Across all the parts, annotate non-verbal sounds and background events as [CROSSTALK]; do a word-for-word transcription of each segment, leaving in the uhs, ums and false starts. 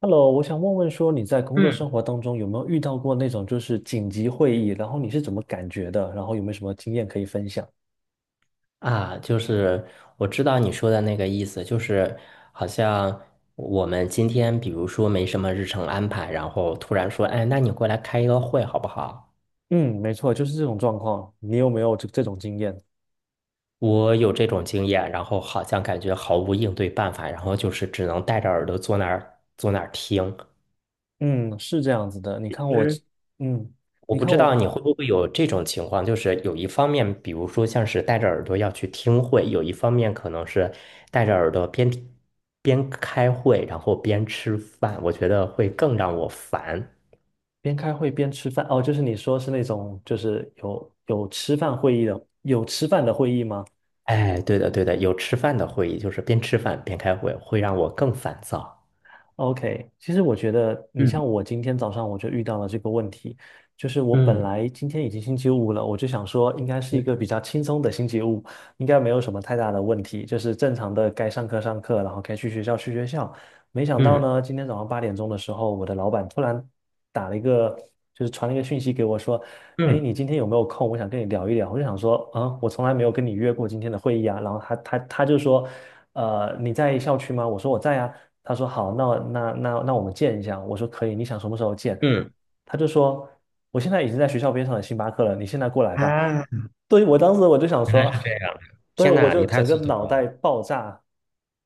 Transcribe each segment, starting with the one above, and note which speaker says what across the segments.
Speaker 1: Hello，我想问问说你在工作
Speaker 2: 嗯
Speaker 1: 生活当中有没有遇到过那种就是紧急会议，然后你是怎么感觉的？然后有没有什么经验可以分享？
Speaker 2: 啊，就是我知道你说的那个意思，就是好像我们今天比如说没什么日程安排，然后突然说，哎，那你过来开一个会好不好？
Speaker 1: 嗯，没错，就是这种状况。你有没有这这种经验？
Speaker 2: 我有这种经验，然后好像感觉毫无应对办法，然后就是只能戴着耳朵坐那儿坐那儿听。
Speaker 1: 嗯，是这样子的。你看我，嗯，
Speaker 2: 我
Speaker 1: 你
Speaker 2: 不
Speaker 1: 看
Speaker 2: 知道
Speaker 1: 我
Speaker 2: 你会不会有这种情况，就是有一方面，比如说像是戴着耳朵要去听会，有一方面可能是戴着耳朵边听边开会，然后边吃饭，我觉得会更让我烦。
Speaker 1: 边开会边吃饭。哦，就是你说是那种就是有有吃饭会议的，有吃饭的会议吗？
Speaker 2: 哎，对的，对的，有吃饭的会议，就是边吃饭边开会，会让我更烦躁。
Speaker 1: OK,其实我觉得你像
Speaker 2: 嗯
Speaker 1: 我今天早上我就遇到了这个问题，就是我本
Speaker 2: 嗯
Speaker 1: 来今天已经星期五了，我就想说应该是一个比较轻松的星期五，应该没有什么太大的问题，就是正常的该上课上课，然后该去学校去学校。没想到
Speaker 2: 嗯
Speaker 1: 呢，今天早上八点钟的时候，我的老板突然打了一个，就是传了一个讯息给我说，哎，
Speaker 2: 嗯
Speaker 1: 你今天有没有空？我想跟你聊一聊。我就想说，啊、我从来没有跟你约过今天的会议啊。然后他他他就说，呃，你在校区吗？我说我在啊。他说好，那那那那我们见一下。我说可以，你想什么时候见？
Speaker 2: 嗯，
Speaker 1: 他就说，我现在已经在学校边上的星巴克了，你现在过来吧。
Speaker 2: 啊，
Speaker 1: 对，我当时我就想说，
Speaker 2: 是这样
Speaker 1: [LAUGHS] 对，
Speaker 2: 天
Speaker 1: 我
Speaker 2: 呐，你
Speaker 1: 就
Speaker 2: 太
Speaker 1: 整个
Speaker 2: 速度
Speaker 1: 脑
Speaker 2: 了。
Speaker 1: 袋爆炸，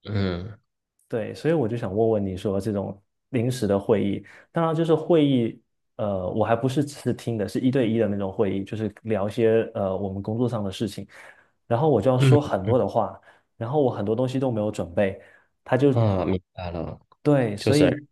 Speaker 2: 嗯
Speaker 1: 对，所以我就想问问你说，这种临时的会议，当然就是会议，呃，我还不是只是听的，是一对一的那种会议，就是聊一些呃我们工作上的事情，然后我就要
Speaker 2: 嗯
Speaker 1: 说很多的话，然后我很多东西都没有准备，他就
Speaker 2: 嗯，明白了，
Speaker 1: 对，
Speaker 2: 就
Speaker 1: 所
Speaker 2: 是。
Speaker 1: 以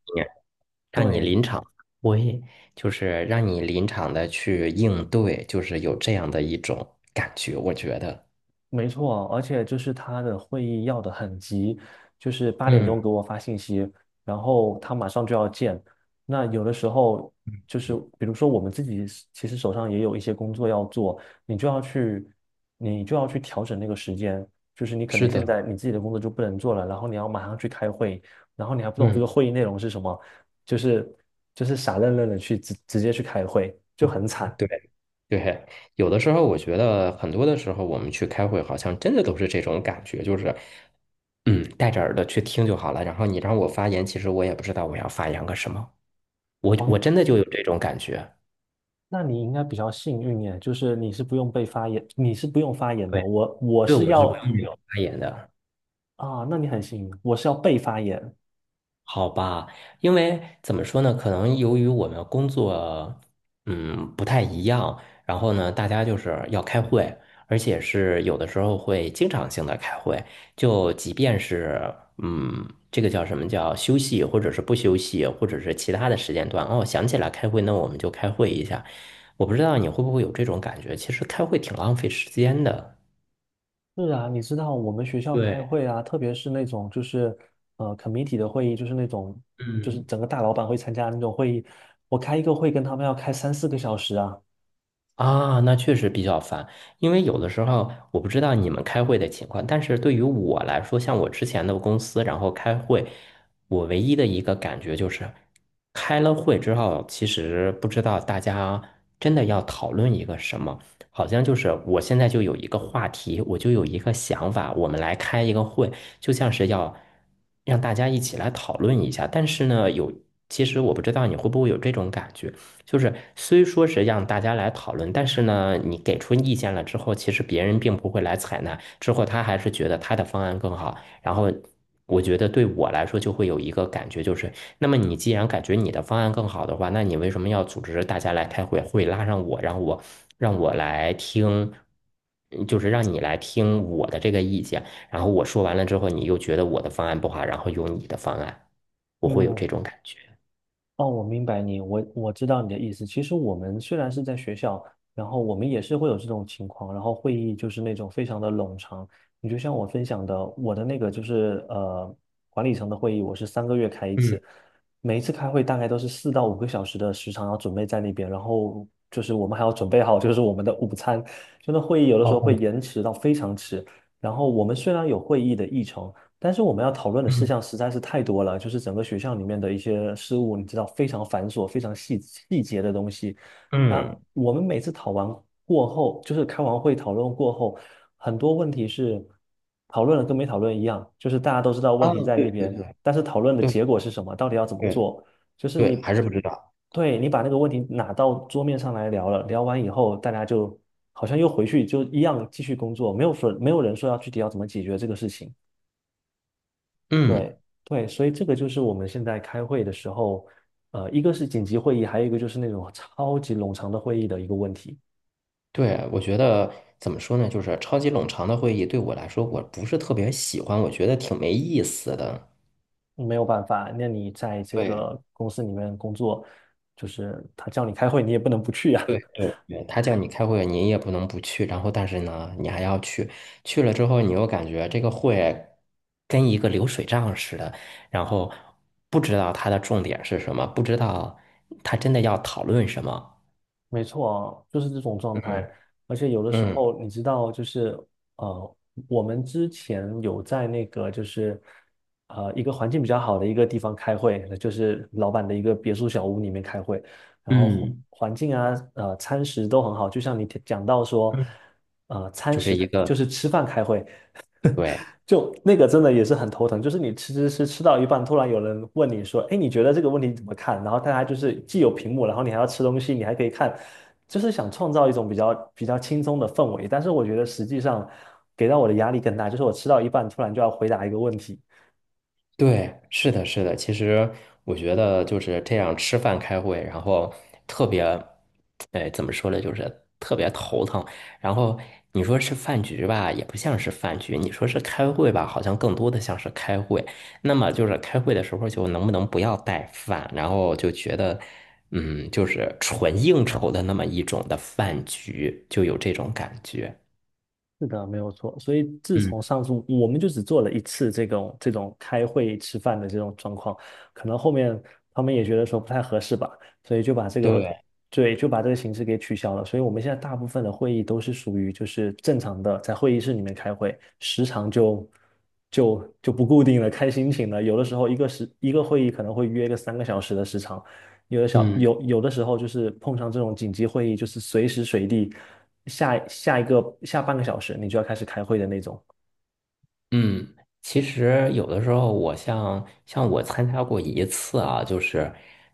Speaker 2: 让你
Speaker 1: 对，
Speaker 2: 临场我也就是让你临场的去应对，就是有这样的一种感觉，我觉得，
Speaker 1: 没错，而且就是他的会议要的很急，就是八点
Speaker 2: 嗯，
Speaker 1: 钟给我发信息，然后他马上就要见。那有的时候就是
Speaker 2: 嗯，
Speaker 1: 比如说我们自己是其实手上也有一些工作要做，你就要去你就要去调整那个时间，就是你可
Speaker 2: 是
Speaker 1: 能现
Speaker 2: 的，
Speaker 1: 在你自己的工作就不能做了，然后你要马上去开会，然后你还不懂这个
Speaker 2: 嗯，
Speaker 1: 会议内容是什么，就是就是傻愣愣的去直直接去开会，就很惨。
Speaker 2: 对对，有的时候我觉得很多的时候我们去开会，好像真的都是这种感觉，就是嗯，戴着耳朵去听就好了，然后你让我发言，其实我也不知道我要发言个什么，我我
Speaker 1: 哦，
Speaker 2: 真的就有这种感觉，
Speaker 1: 那你应该比较幸运耶，就是你是不用被发言，你是不用发言的。
Speaker 2: 对，
Speaker 1: 我我
Speaker 2: 对，
Speaker 1: 是
Speaker 2: 我是不
Speaker 1: 要
Speaker 2: 用那种发言的。
Speaker 1: 啊，那你很幸运，我是要被发言。
Speaker 2: 好吧，因为怎么说呢？可能由于我们工作，嗯，不太一样，然后呢，大家就是要开会，而且是有的时候会经常性的开会，就即便是嗯，这个叫什么叫休息，或者是不休息，或者是其他的时间段，哦，想起来开会，那我们就开会一下。我不知道你会不会有这种感觉，其实开会挺浪费时间的。
Speaker 1: 是啊，你知道我们学校开
Speaker 2: 对，
Speaker 1: 会啊，特别是那种就是呃 committee 的会议，就是那种就是
Speaker 2: 嗯。
Speaker 1: 整个大老板会参加的那种会议，我开一个会跟他们要开三四个小时啊。
Speaker 2: 啊，那确实比较烦，因为有的时候我不知道你们开会的情况，但是对于我来说，像我之前的公司，然后开会，我唯一的一个感觉就是，开了会之后，其实不知道大家真的要讨论一个什么，好像就是我现在就有一个话题，我就有一个想法，我们来开一个会，就像是要让大家一起来讨论一下，但是呢，有，其实我不知道你会不会有这种感觉。就是虽说是让大家来讨论，但是呢，你给出意见了之后，其实别人并不会来采纳，之后他还是觉得他的方案更好。然后我觉得对我来说就会有一个感觉，就是那么你既然感觉你的方案更好的话，那你为什么要组织大家来开会，会拉上我让我让我来听，嗯就是让你来听我的这个意见，然后我说完了之后，你又觉得我的方案不好，然后用你的方案，我会有
Speaker 1: 嗯，
Speaker 2: 这种感觉。
Speaker 1: 哦，我明白你，我我知道你的意思。其实我们虽然是在学校，然后我们也是会有这种情况，然后会议就是那种非常的冗长。你就像我分享的，我的那个就是呃管理层的会议，我是三个月开一
Speaker 2: 嗯，
Speaker 1: 次，每一次开会大概都是四到五个小时的时长要准备在那边，然后就是我们还要准备好就是我们的午餐，就那会议有的时候会
Speaker 2: 哦，
Speaker 1: 延迟到非常迟。然后我们虽然有会议的议程。但是我们要讨论的事
Speaker 2: 嗯。
Speaker 1: 项实在是太多了，就是整个学校里面的一些事务，你知道非常繁琐、非常细细节的东西。那
Speaker 2: 嗯。
Speaker 1: 我们每次讨完过后，就是开完会讨论过后，很多问题是讨论了跟没讨论一样，就是大家都知道问
Speaker 2: 啊，
Speaker 1: 题在那
Speaker 2: 对对
Speaker 1: 边，
Speaker 2: 对
Speaker 1: 但是讨论的
Speaker 2: 对
Speaker 1: 结果是什么，到底要怎么
Speaker 2: 对
Speaker 1: 做，就是
Speaker 2: 对，
Speaker 1: 你，
Speaker 2: 还是不知道。
Speaker 1: 对，你把那个问题拿到桌面上来聊了，聊完以后，大家就好像又回去就一样继续工作，没有说没有人说要具体要怎么解决这个事情。对
Speaker 2: 嗯，
Speaker 1: 对，所以这个就是我们现在开会的时候，呃，一个是紧急会议，还有一个就是那种超级冗长的会议的一个问题。
Speaker 2: 对，我觉得怎么说呢，就是超级冗长的会议对我来说，我不是特别喜欢，我觉得挺没意思的。
Speaker 1: 没有办法，那你在这
Speaker 2: 对
Speaker 1: 个公司里面工作，就是他叫你开会，你也不能不去呀、
Speaker 2: 对对对，他叫你开会，你也不能不去，然后但是呢，你还要去，去了之后，你又感觉这个会跟一个流水账似的，然后不知道它的重点是什么，不知道他真的要讨论什么。
Speaker 1: 没错啊，就是这种状
Speaker 2: 嗯
Speaker 1: 态。而且有的时
Speaker 2: 嗯
Speaker 1: 候，你知道，就是呃，我们之前有在那个就是呃一个环境比较好的一个地方开会，就是老板的一个别墅小屋里面开会，然后环
Speaker 2: 嗯
Speaker 1: 环境啊，呃，餐食都很好。就像你提讲到说，
Speaker 2: 嗯，
Speaker 1: 呃，餐
Speaker 2: 就是
Speaker 1: 食
Speaker 2: 一
Speaker 1: 开就
Speaker 2: 个。
Speaker 1: 是吃饭开会，
Speaker 2: 对。
Speaker 1: 就那个真的也是很头疼，就是你吃吃吃吃到一半，突然有人问你说："哎，你觉得这个问题怎么看？"然后大家就是既有屏幕，然后你还要吃东西，你还可以看，就是想创造一种比较比较轻松的氛围。但是我觉得实际上给到我的压力更大，就是我吃到一半突然就要回答一个问题，
Speaker 2: 对，是的，是的。其实我觉得就是这样吃饭开会，然后特别，哎，怎么说呢，就是特别头疼。然后你说是饭局吧，也不像是饭局；你说是开会吧，好像更多的像是开会。那么就是开会的时候，就能不能不要带饭？然后就觉得，嗯，就是纯应酬的那么一种的饭局，就有这种感觉。
Speaker 1: 是的，没有错。所以自
Speaker 2: 嗯，
Speaker 1: 从上次我们就只做了一次这种这种开会吃饭的这种状况，可能后面他们也觉得说不太合适吧，所以就把这个
Speaker 2: 对，
Speaker 1: 对就把这个形式给取消了。所以我们现在大部分的会议都是属于就是正常的在会议室里面开会，时长就就就不固定了，看心情了。有的时候一个时一个会议可能会约个三个小时的时长，有的小
Speaker 2: 嗯。
Speaker 1: 有有的时候就是碰上这种紧急会议，就是随时随地下下一个下半个小时你就要开始开会的那种。
Speaker 2: 嗯，其实有的时候，我像像我参加过一次啊，就是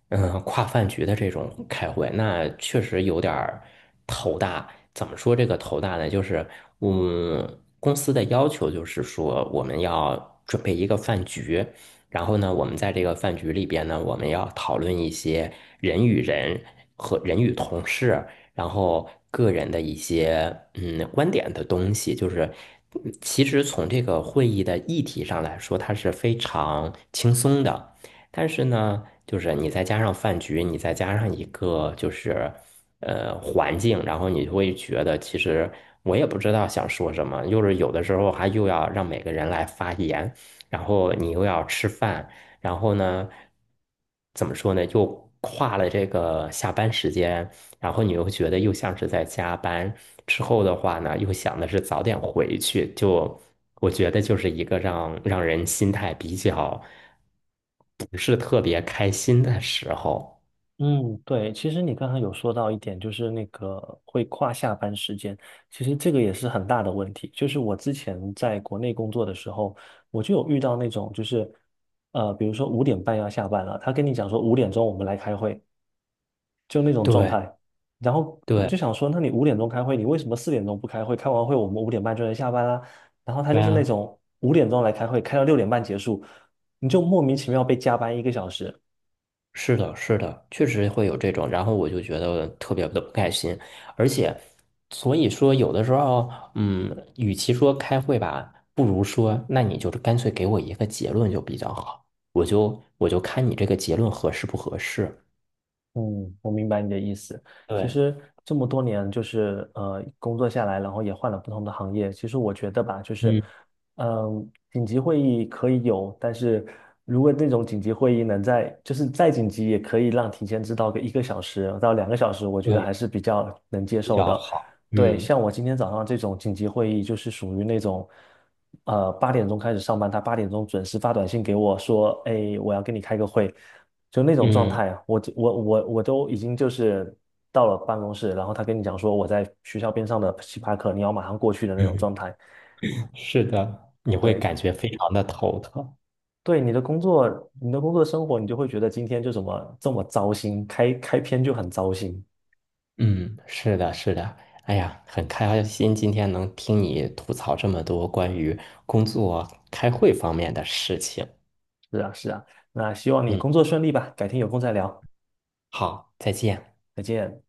Speaker 2: 嗯跨饭局的这种开会，那确实有点儿头大。怎么说这个头大呢？就是嗯，公司的要求就是说我们要准备一个饭局，然后呢，我们在这个饭局里边呢，我们要讨论一些人与人和人与同事。然后个人的一些嗯观点的东西，就是嗯其实从这个会议的议题上来说，它是非常轻松的，但是呢，就是你再加上饭局，你再加上一个就是呃环境，然后你就会觉得其实我也不知道想说什么，就是有的时候还又要让每个人来发言，然后你又要吃饭。然后呢，怎么说呢？又跨了这个下班时间，然后你又觉得又像是在加班，之后的话呢，又想的是早点回去，就我觉得就是一个让让人心态比较不是特别开心的时候。
Speaker 1: 嗯，对，其实你刚才有说到一点，就是那个会跨下班时间，其实这个也是很大的问题。就是我之前在国内工作的时候，我就有遇到那种，就是呃，比如说五点半要下班了，他跟你讲说五点钟我们来开会，就那种状
Speaker 2: 对
Speaker 1: 态。然后我
Speaker 2: 对
Speaker 1: 就想说，那你五点钟开会，你为什么四点钟不开会？开完会我们五点半就能下班啦。然后他
Speaker 2: 对
Speaker 1: 就是那
Speaker 2: 啊。
Speaker 1: 种五点钟来开会，开到六点半结束，你就莫名其妙被加班一个小时。
Speaker 2: 是的，是的，确实会有这种，然后我就觉得特别的不开心，而且，所以说有的时候，嗯，与其说开会吧，不如说，那你就是干脆给我一个结论就比较好，我就我就看你这个结论合适不合适。
Speaker 1: 嗯，我明白你的意思。其
Speaker 2: 对，
Speaker 1: 实这么多年，就是呃，工作下来，然后也换了不同的行业。其实我觉得吧，就是，
Speaker 2: 嗯，
Speaker 1: 嗯、紧急会议可以有，但是如果那种紧急会议能在，就是再紧急，也可以让提前知道个一个小时到两个小时，我觉得
Speaker 2: 对，
Speaker 1: 还是比较能接
Speaker 2: 比
Speaker 1: 受
Speaker 2: 较
Speaker 1: 的。
Speaker 2: 好。
Speaker 1: 对，
Speaker 2: 嗯
Speaker 1: 像我今天早上这种紧急会议，就是属于那种，呃，八点钟开始上班，他八点钟准时发短信给我说，哎，我要跟你开个会，就那种状
Speaker 2: 嗯
Speaker 1: 态啊，我我我我都已经就是到了办公室，然后他跟你讲说我在学校边上的星巴克，你要马上过去的那种
Speaker 2: 嗯，
Speaker 1: 状态。
Speaker 2: [LAUGHS] 是的，你会
Speaker 1: 对，
Speaker 2: 感觉非常的头疼。
Speaker 1: 对，你的工作，你的工作生活，你就会觉得今天就怎么这么糟心，开开篇就很糟心。
Speaker 2: 嗯，是的，是的。哎呀，很开心今天能听你吐槽这么多关于工作、开会方面的事情。
Speaker 1: 是啊，是啊，那希望你
Speaker 2: 嗯，
Speaker 1: 工作顺利吧，改天有空再聊，
Speaker 2: 好，再见。
Speaker 1: 再见。